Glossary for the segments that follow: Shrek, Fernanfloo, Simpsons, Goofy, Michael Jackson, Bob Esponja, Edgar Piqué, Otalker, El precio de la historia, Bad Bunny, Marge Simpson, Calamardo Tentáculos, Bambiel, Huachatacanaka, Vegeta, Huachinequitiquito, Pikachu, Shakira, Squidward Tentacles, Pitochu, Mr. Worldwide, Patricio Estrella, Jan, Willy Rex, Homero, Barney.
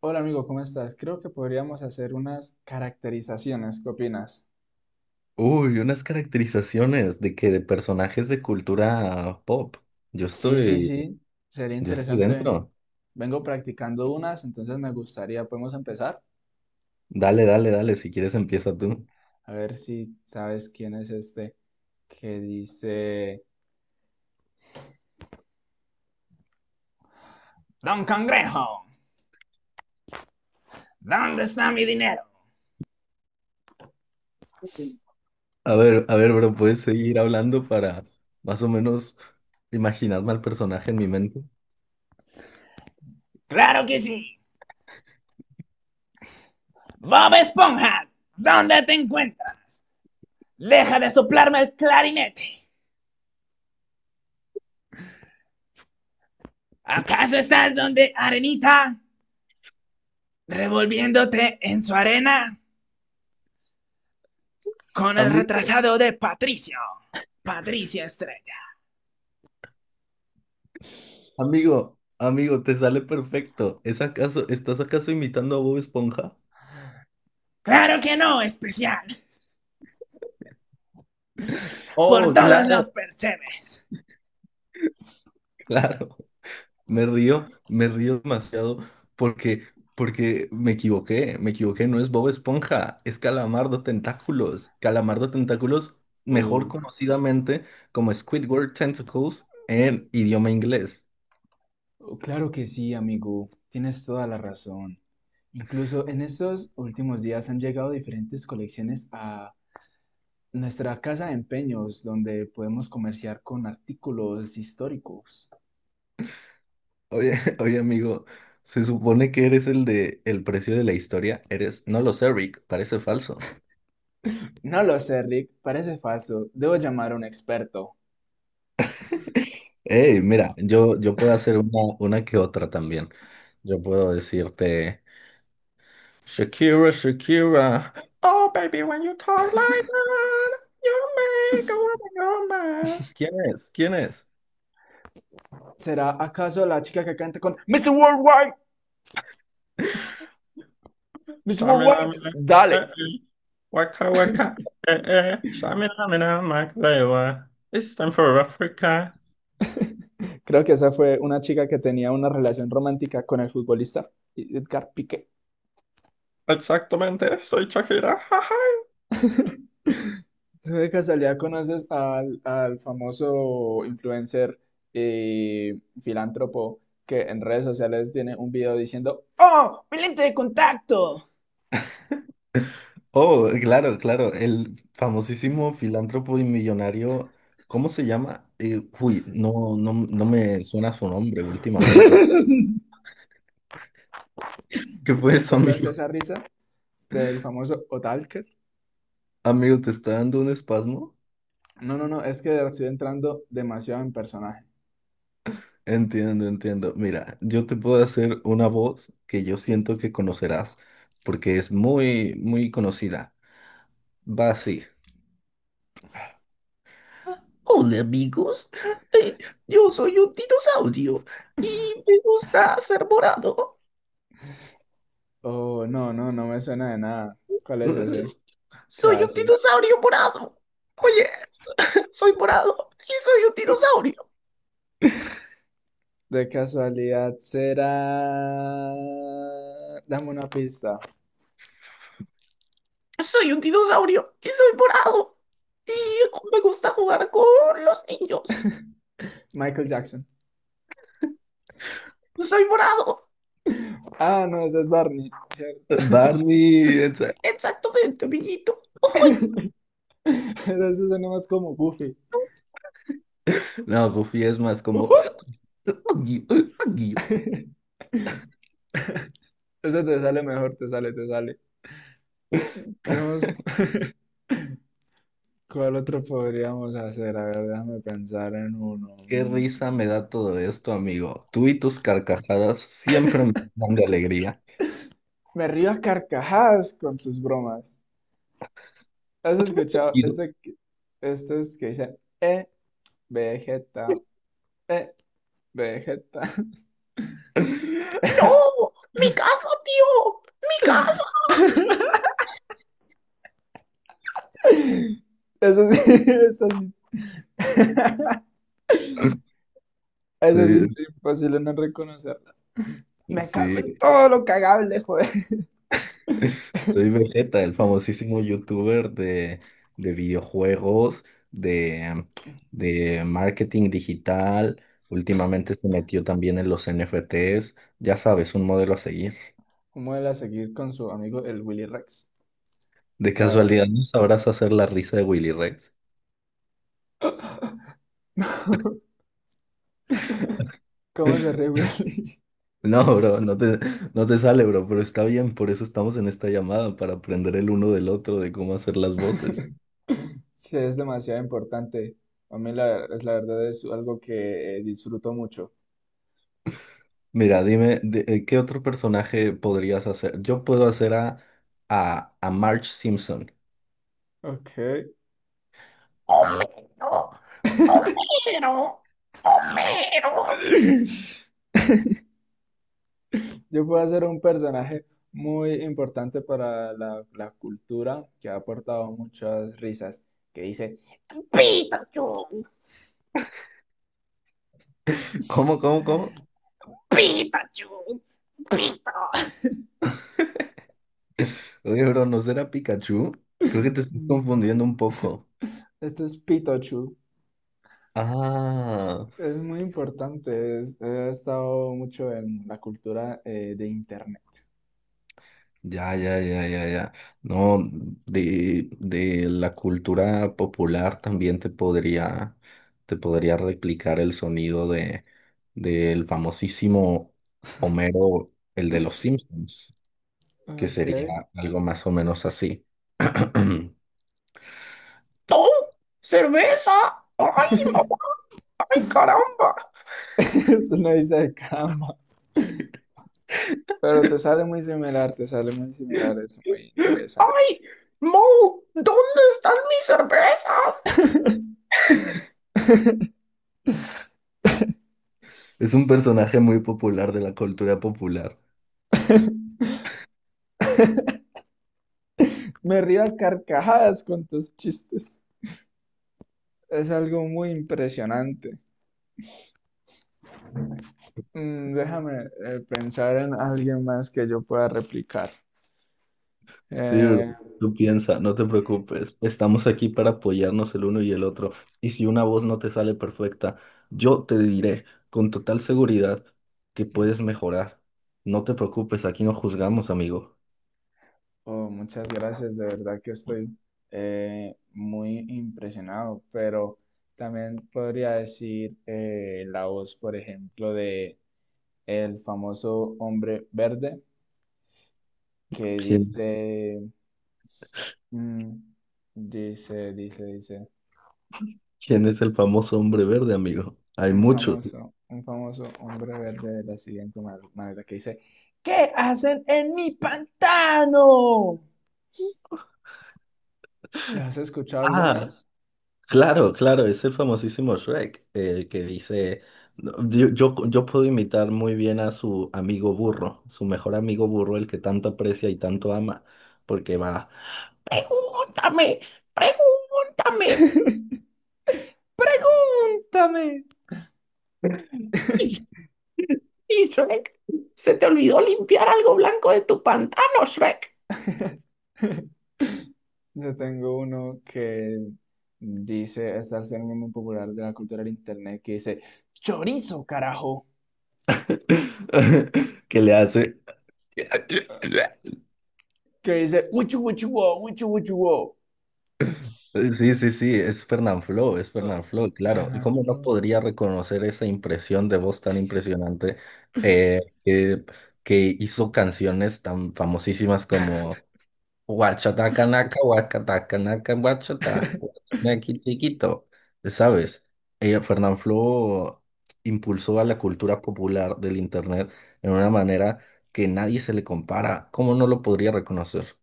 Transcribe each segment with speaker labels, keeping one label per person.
Speaker 1: Hola amigo, ¿cómo estás? Creo que podríamos hacer unas caracterizaciones. ¿Qué opinas?
Speaker 2: Uy, unas caracterizaciones de que de personajes de cultura pop. Yo
Speaker 1: Sí, sí,
Speaker 2: estoy,
Speaker 1: sí. Sería
Speaker 2: yo estoy
Speaker 1: interesante.
Speaker 2: dentro.
Speaker 1: Vengo practicando unas, entonces me gustaría, podemos empezar.
Speaker 2: Dale, dale, dale, si quieres empieza tú.
Speaker 1: A ver si sabes quién es este que dice... Don Congrejo, ¿dónde está mi dinero?
Speaker 2: A ver, bro, ¿puedes seguir hablando para más o menos imaginarme al personaje en mi mente?
Speaker 1: Claro que sí. Bob Esponja, ¿dónde te encuentras? Deja de soplarme el clarinete. ¿Acaso estás donde Arenita, revolviéndote en su arena con el
Speaker 2: Amigo,
Speaker 1: retrasado de Patricio? Patricio Estrella.
Speaker 2: amigo, amigo, te sale perfecto. ¿Es acaso, estás acaso imitando a Bob Esponja?
Speaker 1: Claro que no, especial. Por
Speaker 2: Oh,
Speaker 1: todos los
Speaker 2: claro,
Speaker 1: percebes.
Speaker 2: claro. Me río demasiado porque, porque me equivoqué, no es Bob Esponja, es Calamardo Tentáculos. Calamardo Tentáculos, mejor
Speaker 1: Oh,
Speaker 2: conocidamente como Squidward Tentacles en idioma inglés.
Speaker 1: oh, claro que sí, amigo. Tienes toda la razón. Incluso en estos últimos días han llegado diferentes colecciones a nuestra casa de empeños, donde podemos comerciar con artículos históricos.
Speaker 2: Oye, oye amigo, se supone que eres el de El precio de la historia, eres, no lo sé, Rick, parece falso.
Speaker 1: No lo sé, Rick. Parece falso. Debo llamar a un experto.
Speaker 2: Hey, mira, yo puedo hacer una que otra también. Yo puedo decirte. Shakira, Shakira. Oh, baby, when you talk like that, you make a woman go mad. ¿Quién es? ¿Quién es?
Speaker 1: ¿Será acaso la chica que canta con Mr. Worldwide? Mr.
Speaker 2: Shaminama,
Speaker 1: Worldwide,
Speaker 2: eh,
Speaker 1: dale.
Speaker 2: eh, Waka, waka, shaminama, waka. Esa.
Speaker 1: Creo que esa fue una chica que tenía una relación romántica con el futbolista Edgar Piqué.
Speaker 2: Exactamente, soy Shakira. Jaja.
Speaker 1: ¿Tú de casualidad conoces al famoso influencer y filántropo que en redes sociales tiene un video diciendo, ¡Oh, mi lente de contacto!
Speaker 2: Oh, claro, claro. El famosísimo filántropo y millonario. ¿Cómo se llama? No, no, no me suena su nombre últimamente. ¿Qué fue eso,
Speaker 1: ¿Recuerdas
Speaker 2: amigo?
Speaker 1: esa risa del famoso Otalker?
Speaker 2: Amigo, ¿te está dando un espasmo?
Speaker 1: No, no, no, es que estoy entrando demasiado en personaje.
Speaker 2: Entiendo, entiendo. Mira, yo te puedo hacer una voz que yo siento que conocerás porque es muy, muy conocida. Va así. Hola amigos, Eh, yo soy un dinosaurio y me gusta ser morado.
Speaker 1: Oh, no, no, no me suena de nada. ¿Cuál es ese? ¿Qué
Speaker 2: Soy un
Speaker 1: hace?
Speaker 2: dinosaurio morado. Oye, soy morado y soy un dinosaurio.
Speaker 1: De casualidad será. Dame una pista.
Speaker 2: Soy un dinosaurio y soy morado. Y me gusta jugar con los niños.
Speaker 1: Michael Jackson.
Speaker 2: Soy morado.
Speaker 1: Ah, no, ese es Barney, ¿cierto?
Speaker 2: Barney, exactamente, amiguito. Uy.
Speaker 1: Eso suena más como Goofy.
Speaker 2: No, Goofy es más como...
Speaker 1: Ujú.
Speaker 2: "Uy, uy, uy".
Speaker 1: Eso te sale mejor, te sale, te sale. ¿Qué más? ¿Cuál otro podríamos hacer? A ver, déjame pensar en uno.
Speaker 2: Qué
Speaker 1: Mm.
Speaker 2: risa me da todo esto, amigo. Tú y tus carcajadas siempre me dan de alegría.
Speaker 1: Me río a carcajadas con tus bromas. ¿Has escuchado
Speaker 2: Y-
Speaker 1: este, estos que dicen, Vegeta, eh, Vegeta?
Speaker 2: ¡No! ¡Mi casa, tío! ¡Mi casa!
Speaker 1: Eso sí, eso sí. Eso es
Speaker 2: Sí,
Speaker 1: in- imposible no reconocerla. Me cago en
Speaker 2: sí.
Speaker 1: todo lo cagable, joder.
Speaker 2: Soy Vegeta, el famosísimo youtuber de videojuegos, de, de marketing digital. Últimamente se metió también en los NFTs. Ya sabes, un modelo a seguir.
Speaker 1: ¿Cómo él a seguir con su amigo el Willy Rex?
Speaker 2: De
Speaker 1: La
Speaker 2: casualidad,
Speaker 1: verdad.
Speaker 2: ¿no sabrás hacer la risa de Willy Rex?
Speaker 1: ¿Cómo se ríe Willy?
Speaker 2: No, bro, no te sale, bro, pero está bien, por eso estamos en esta llamada, para aprender el uno del otro de cómo hacer las voces.
Speaker 1: Sí, es demasiado importante. A mí es la verdad, es algo que disfruto mucho.
Speaker 2: Mira, dime, ¿qué otro personaje podrías hacer? Yo puedo hacer a Marge Simpson.
Speaker 1: Ok. Yo puedo ser un personaje muy importante para la cultura que ha aportado muchas risas. Que dice, Pikachu,
Speaker 2: ¿Cómo?
Speaker 1: Pikachu, Pikachu.
Speaker 2: Oye, bro, ¿no será Pikachu? Creo que te estás
Speaker 1: Mm,
Speaker 2: confundiendo un poco.
Speaker 1: este es Pitochu.
Speaker 2: Ah,
Speaker 1: Es muy importante. Es- ha estado mucho en la cultura de internet.
Speaker 2: ya, ya, ya, ya, ya. No, de la cultura popular también te podría replicar el sonido del famosísimo Homero, el de los Simpsons. Que
Speaker 1: Ok.
Speaker 2: sería algo más o menos así. ¡Oh! ¡Cerveza! ¡Ay, mamá! ¡Ay, caramba!
Speaker 1: Es una isla de cama. Pero te sale muy similar, te sale muy similar. Es muy interesante.
Speaker 2: ¡Ay! ¡Mo! ¿Dónde están mis cervezas? Es un personaje muy popular de la cultura popular.
Speaker 1: Me río a carcajadas con tus chistes. Es algo muy impresionante. Mm, déjame pensar en alguien más que yo pueda replicar.
Speaker 2: Sí, bro.
Speaker 1: Eh,
Speaker 2: Tú piensa, no te preocupes. Estamos aquí para apoyarnos el uno y el otro. Y si una voz no te sale perfecta, yo te diré con total seguridad que puedes mejorar. No te preocupes, aquí no juzgamos, amigo.
Speaker 1: Oh, muchas gracias, de verdad que estoy muy impresionado, pero también podría decir, la voz, por ejemplo, de el famoso hombre verde que
Speaker 2: ¿Quién,
Speaker 1: dice, mm, dice, dice, dice,
Speaker 2: ¿quién es el famoso hombre verde, amigo? Hay muchos.
Speaker 1: un famoso hombre verde de la siguiente manera, que dice, ¿qué hacen en mi pantano? ¿Lo has escuchado alguna
Speaker 2: Ah,
Speaker 1: vez?
Speaker 2: claro, claro, es el famosísimo Shrek, el que dice, no, yo puedo imitar muy bien a su amigo burro, su mejor amigo burro, el que tanto aprecia y tanto ama, porque va, pregúntame, pregúntame.
Speaker 1: ¡Pregúntame!
Speaker 2: Y y Shrek, se te olvidó limpiar algo blanco de tu pantano, Shrek.
Speaker 1: Yo tengo uno que dice, es algo muy popular de la cultura del internet, que dice, chorizo, carajo.
Speaker 2: ¿Que le hace?
Speaker 1: Que dice, uchu, uchu, wo, uchu, uchu, wo.
Speaker 2: Sí, sí, sí, es Fernanfloo, claro.
Speaker 1: Fernando,
Speaker 2: ¿Cómo no
Speaker 1: Loo.
Speaker 2: podría reconocer esa impresión de voz tan impresionante eh, que, que hizo canciones tan famosísimas como Huachatacanaka, Huacatacanaka, Huachata, Huachinequitiquito, ¿sabes? Fernanfloo impulsó a la cultura popular del Internet en una manera que nadie se le compara. ¿Cómo no lo podría reconocer?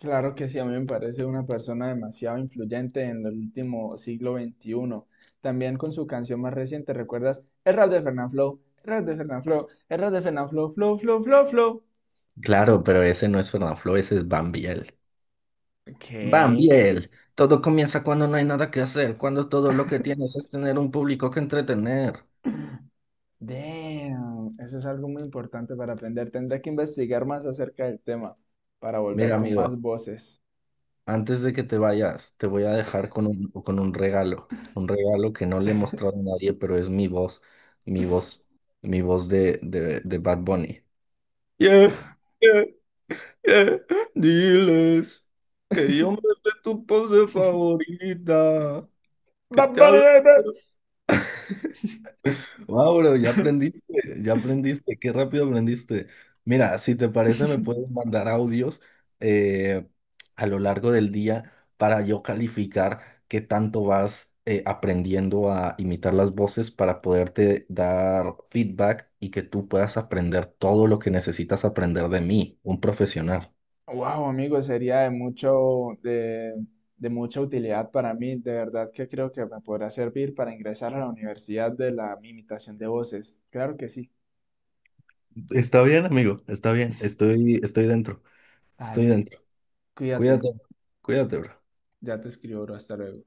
Speaker 1: Claro que sí, a mí me parece una persona demasiado influyente en el último siglo XXI. También con su canción más reciente, ¿recuerdas? El rap de Fernanfloo, el rap de Fernanfloo, el rap de Fernanfloo, flow, flow, flow, flow.
Speaker 2: Claro, pero ese no es Fernanfloo, ese es Bambiel. Van
Speaker 1: ¿Qué?
Speaker 2: bien, todo comienza cuando no hay nada que hacer, cuando todo lo que tienes es tener un público que entretener.
Speaker 1: Damn, eso es algo muy importante para aprender. Tendré que investigar más acerca del tema para
Speaker 2: Mira,
Speaker 1: volver con más
Speaker 2: amigo,
Speaker 1: voces.
Speaker 2: antes de que te vayas, te voy a dejar con un regalo que no le he mostrado a nadie, pero es mi voz, mi voz, mi voz de Bad Bunny. Yeah, yeah, yeah. Diles que yo me sé tu pose favorita, que
Speaker 1: Bad
Speaker 2: te hablo.
Speaker 1: Bunny, baby.
Speaker 2: Wow, bro, ya aprendiste, qué rápido aprendiste. Mira, si te parece, me puedes mandar audios eh, a lo largo del día para yo calificar qué tanto vas aprendiendo a imitar las voces para poderte dar feedback y que tú puedas aprender todo lo que necesitas aprender de mí, un profesional.
Speaker 1: Wow, amigo, sería de mucho, de mucha utilidad para mí. De verdad que creo que me podrá servir para ingresar a la universidad de la imitación de voces. Claro que sí.
Speaker 2: Está bien, amigo, está bien, estoy dentro, estoy
Speaker 1: Ale,
Speaker 2: dentro.
Speaker 1: cuídate.
Speaker 2: Cuídate, cuídate, bro.
Speaker 1: Ya te escribo, bro. Hasta luego.